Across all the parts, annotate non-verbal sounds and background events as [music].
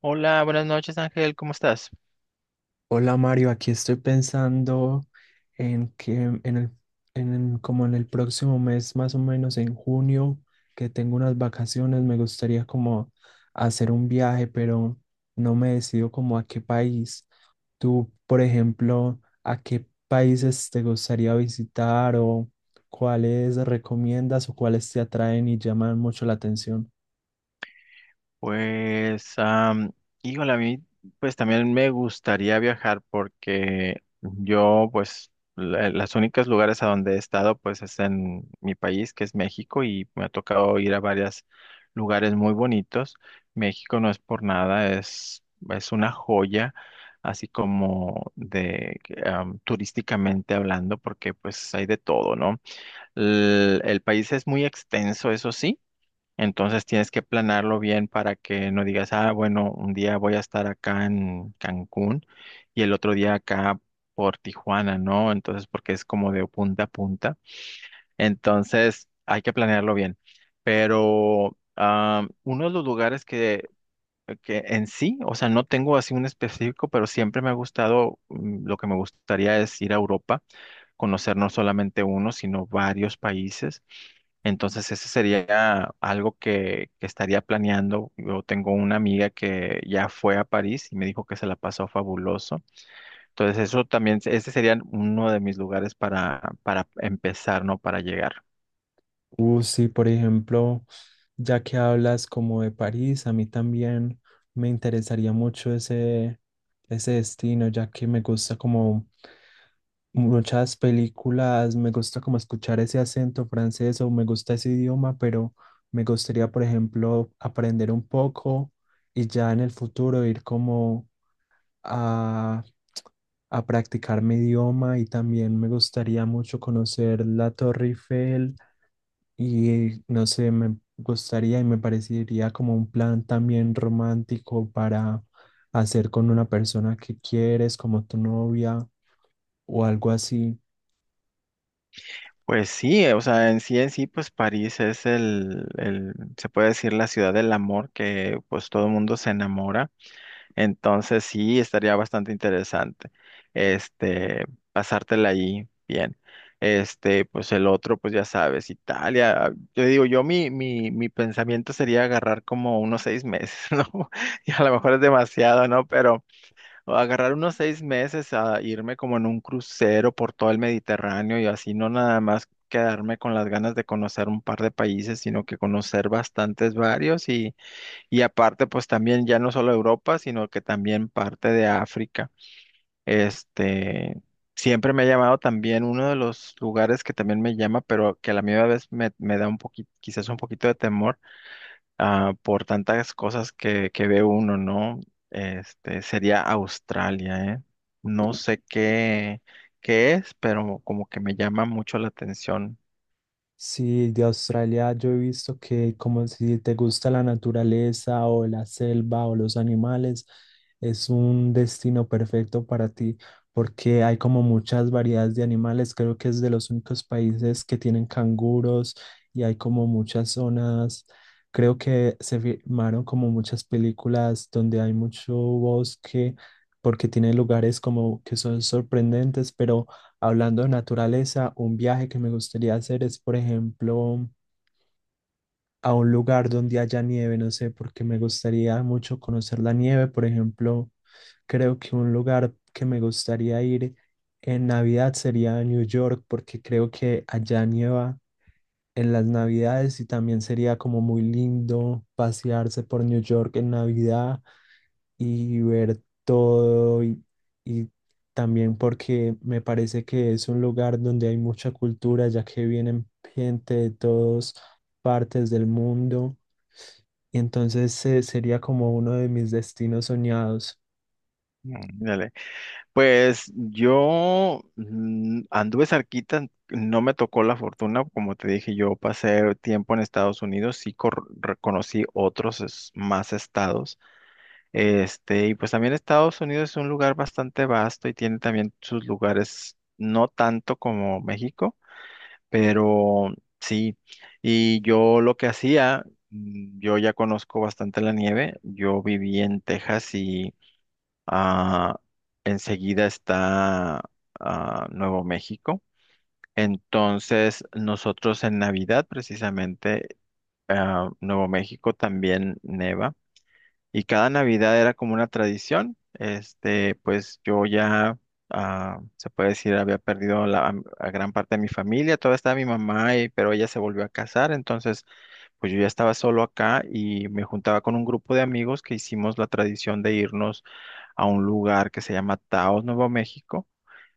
Hola, buenas noches Ángel, ¿cómo estás? Hola Mario, aquí estoy pensando en como en el próximo mes, más o menos en junio, que tengo unas vacaciones, me gustaría como hacer un viaje, pero no me decido como a qué país. Tú, por ejemplo, ¿a qué países te gustaría visitar o cuáles recomiendas o cuáles te atraen y llaman mucho la atención? Pues, híjole, a mí pues también me gustaría viajar porque yo pues las únicas lugares a donde he estado pues es en mi país que es México y me ha tocado ir a varios lugares muy bonitos. México no es por nada, es una joya así como de turísticamente hablando porque pues hay de todo, ¿no? El país es muy extenso, eso sí. Entonces tienes que planearlo bien para que no digas, ah, bueno, un día voy a estar acá en Cancún y el otro día acá por Tijuana, ¿no? Entonces, porque es como de punta a punta. Entonces, hay que planearlo bien. Pero ah, uno de los que en sí, o sea, no tengo así un específico, pero siempre me ha gustado, lo que me gustaría es ir a Europa, conocer no solamente uno, sino varios países. Entonces, ese sería algo que estaría planeando. Yo tengo una amiga que ya fue a París y me dijo que se la pasó fabuloso. Entonces, eso también, ese sería uno de mis lugares para empezar, ¿no? Para llegar. Sí, por ejemplo. Ya que hablas como de París, a mí también me interesaría mucho ese destino, ya que me gusta como muchas películas, me gusta como escuchar ese acento francés o me gusta ese idioma, pero me gustaría, por ejemplo, aprender un poco y ya en el futuro ir como a, a practicar mi idioma y también me gustaría mucho conocer la Torre Eiffel y no sé, me gustaría y me parecería como un plan también romántico para hacer con una persona que quieres, como tu novia o algo así. Pues sí, o sea, en sí, pues París es el, se puede decir, la ciudad del amor, que pues todo el mundo se enamora. Entonces sí, estaría bastante interesante, este, pasártela ahí bien. Este, pues el otro, pues ya sabes, Italia. Yo digo, yo mi pensamiento sería agarrar como unos seis meses, [laughs] ¿no? Y a lo mejor es demasiado, ¿no? Pero agarrar unos seis meses a irme como en un crucero por todo el Mediterráneo y así no nada más quedarme con las ganas de conocer un par de países, sino que conocer bastantes varios, y aparte, pues también ya no solo Europa, sino que también parte de África. Este, siempre me ha llamado también uno de los lugares que también me llama, pero que a la misma vez me da un poquito, quizás un poquito de temor, ah, por tantas cosas que ve uno, ¿no? Este, sería Australia, ¿eh? No sé qué es, pero como que me llama mucho la atención. Sí, de Australia yo he visto que como si te gusta la naturaleza o la selva o los animales, es un destino perfecto para ti porque hay como muchas variedades de animales. Creo que es de los únicos países que tienen canguros y hay como muchas zonas. Creo que se filmaron como muchas películas donde hay mucho bosque porque tiene lugares como que son sorprendentes, pero... Hablando de naturaleza, un viaje que me gustaría hacer es, por ejemplo, a un lugar donde haya nieve, no sé, porque me gustaría mucho conocer la nieve. Por ejemplo, creo que un lugar que me gustaría ir en Navidad sería New York, porque creo que allá nieva en las Navidades y también sería como muy lindo pasearse por New York en Navidad y ver todo y también porque me parece que es un lugar donde hay mucha cultura, ya que vienen gente de todas partes del mundo. Y entonces sería como uno de mis destinos soñados. Mm, dale. Pues yo, mm, anduve cerquita, no me tocó la fortuna, como te dije, yo pasé tiempo en Estados Unidos, sí reconocí otros más estados, este, y pues también Estados Unidos es un lugar bastante vasto y tiene también sus lugares, no tanto como México, pero sí. Y yo lo que hacía, mm, yo ya conozco bastante la nieve, yo viví en Texas, ah, enseguida está, ah, Nuevo México. Entonces, nosotros en Navidad, precisamente, ah, Nuevo México también neva. Y cada Navidad era como una tradición. Este, pues yo ya, ah, se puede decir, había perdido a gran parte de mi familia. Todavía estaba mi mamá, pero ella se volvió a casar. Entonces, pues yo ya estaba solo acá y me juntaba con un grupo de amigos que hicimos la tradición de irnos a un lugar que se llama Taos, Nuevo México,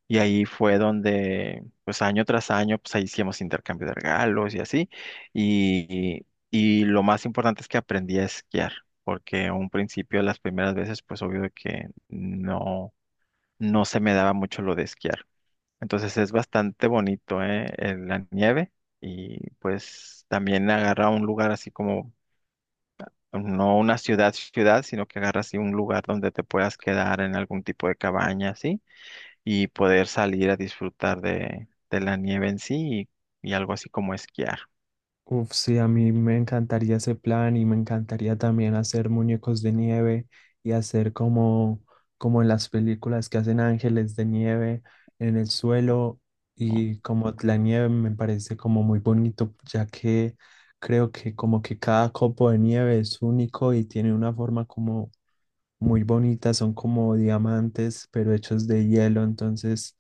y ahí fue donde, pues año tras año, pues ahí hacíamos intercambio de regalos y así, y, y lo más importante es que aprendí a esquiar, porque a un principio, las primeras veces, pues obvio de que no, no se me daba mucho lo de esquiar. Entonces es bastante bonito, ¿eh? La nieve, y pues también agarra un lugar así como, no una ciudad, ciudad, sino que agarra así un lugar donde te puedas quedar en algún tipo de cabaña, ¿sí? Y poder salir a disfrutar de la nieve en sí, y algo así como esquiar, Uf, sí, a mí me encantaría ese plan y me encantaría también hacer muñecos de nieve y como en las películas que hacen ángeles de nieve en el suelo ¿no? y como la nieve me parece como muy bonito, ya que creo que como que cada copo de nieve es único y tiene una forma como muy bonitas, son como diamantes, pero hechos de hielo, entonces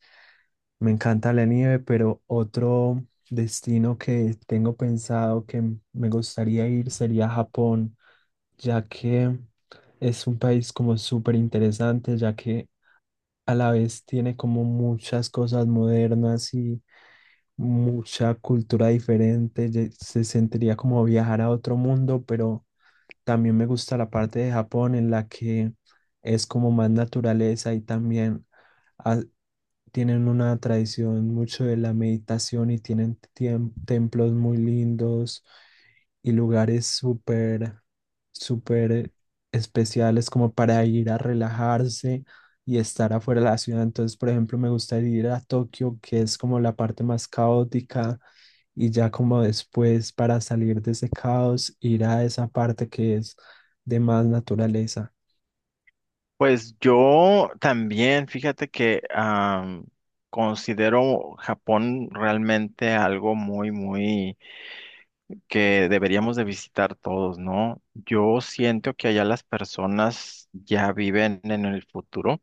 me encanta la nieve, pero otro destino que tengo pensado me gustaría ir sería Japón, ya que es un país como súper interesante, ya que a la vez tiene como muchas cosas modernas y mucha cultura diferente, se sentiría como viajar a otro mundo, pero también me gusta la parte de Japón en la que es como más naturaleza y también ha- tienen una tradición mucho de la meditación y tienen templos muy lindos y lugares súper especiales como para ir a relajarse y estar afuera de la ciudad. Entonces, por ejemplo, me gustaría ir a Tokio, que es como la parte más caótica y ya como después para salir de ese caos, ir a esa parte que es de más naturaleza. Pues yo también, fíjate que, am, considero Japón realmente algo muy, muy que deberíamos de visitar todos, ¿no? Yo siento que allá las personas ya viven en el futuro,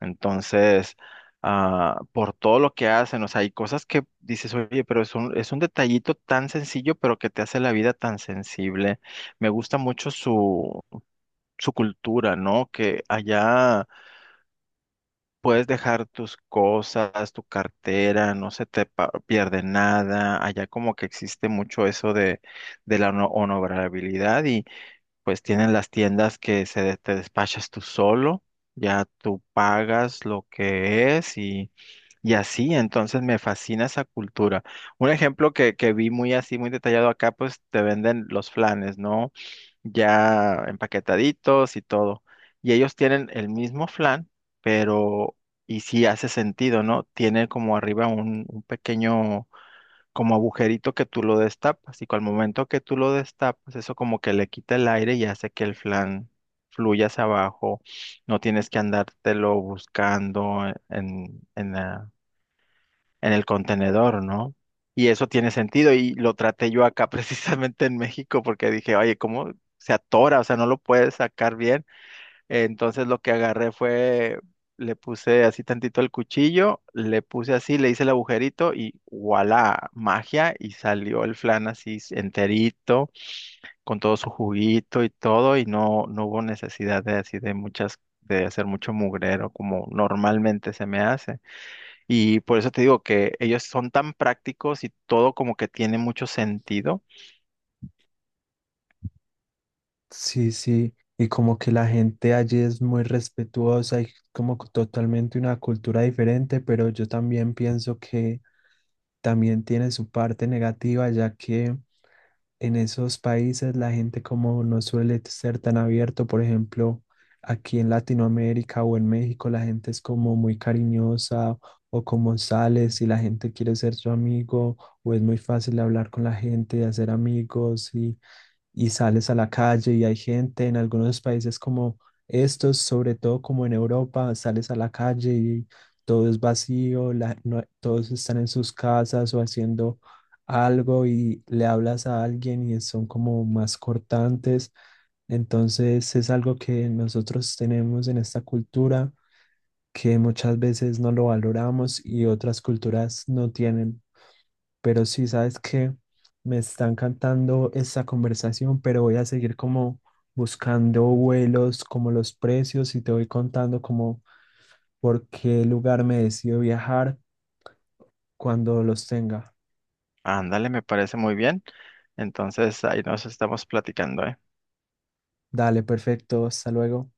entonces, ah, por todo lo que hacen, o sea, hay cosas que dices, oye, pero es un detallito tan sencillo, pero que te hace la vida tan sensible. Me gusta mucho su cultura, ¿no? Que allá... Puedes dejar tus cosas, tu cartera, no se te pierde nada. Allá como que existe mucho eso de la honorabilidad, y pues tienen las tiendas que se te despachas tú solo, ya tú pagas lo que es, y así. Entonces me fascina esa cultura. Un ejemplo que vi muy así, muy detallado acá, pues te venden los flanes, ¿no? Ya empaquetaditos y todo. Y ellos tienen el mismo flan, pero, y sí hace sentido, ¿no? Tiene como arriba un pequeño, como agujerito que tú lo destapas, y que al momento que tú lo destapas, eso como que le quita el aire y hace que el flan fluya hacia abajo. No tienes que andártelo buscando en, en, en el contenedor, ¿no? Y eso tiene sentido y lo traté yo acá [laughs] precisamente en México porque dije, oye, ¿cómo se atora? O sea, no lo puedes sacar bien. Entonces lo que agarré fue, le puse así tantito el cuchillo, le puse así, le hice el agujerito y voilà, magia, y salió el flan así enterito, con todo su juguito y todo, y no, no hubo necesidad de así de muchas, de hacer mucho mugrero como normalmente se me hace. Y por eso te digo que ellos son tan prácticos y todo como que tiene mucho sentido. Sí, sí, y como que la gente allí es muy respetuosa y como que totalmente una cultura diferente, pero yo también pienso que también tiene su parte negativa, ya que en esos países la gente como no suele ser tan abierto, por ejemplo, aquí en Latinoamérica o en México la gente es como muy cariñosa o como sales y la gente quiere ser su amigo o es muy fácil hablar con la gente, de hacer amigos y sales a la calle y hay gente en algunos países como estos, sobre todo como en Europa, sales a la calle y todo es vacío, todos están en sus casas o haciendo algo y le hablas a alguien y son como más cortantes. Entonces es algo que nosotros tenemos en esta cultura que muchas veces no lo valoramos y otras culturas no tienen. Pero sí, sabes que me está encantando esta conversación, pero voy a seguir como buscando vuelos, como los precios y te voy contando como por qué lugar me decido viajar cuando los tenga. Ándale, me parece muy bien. Entonces, ahí nos estamos platicando, ¿eh? Dale, perfecto, hasta luego.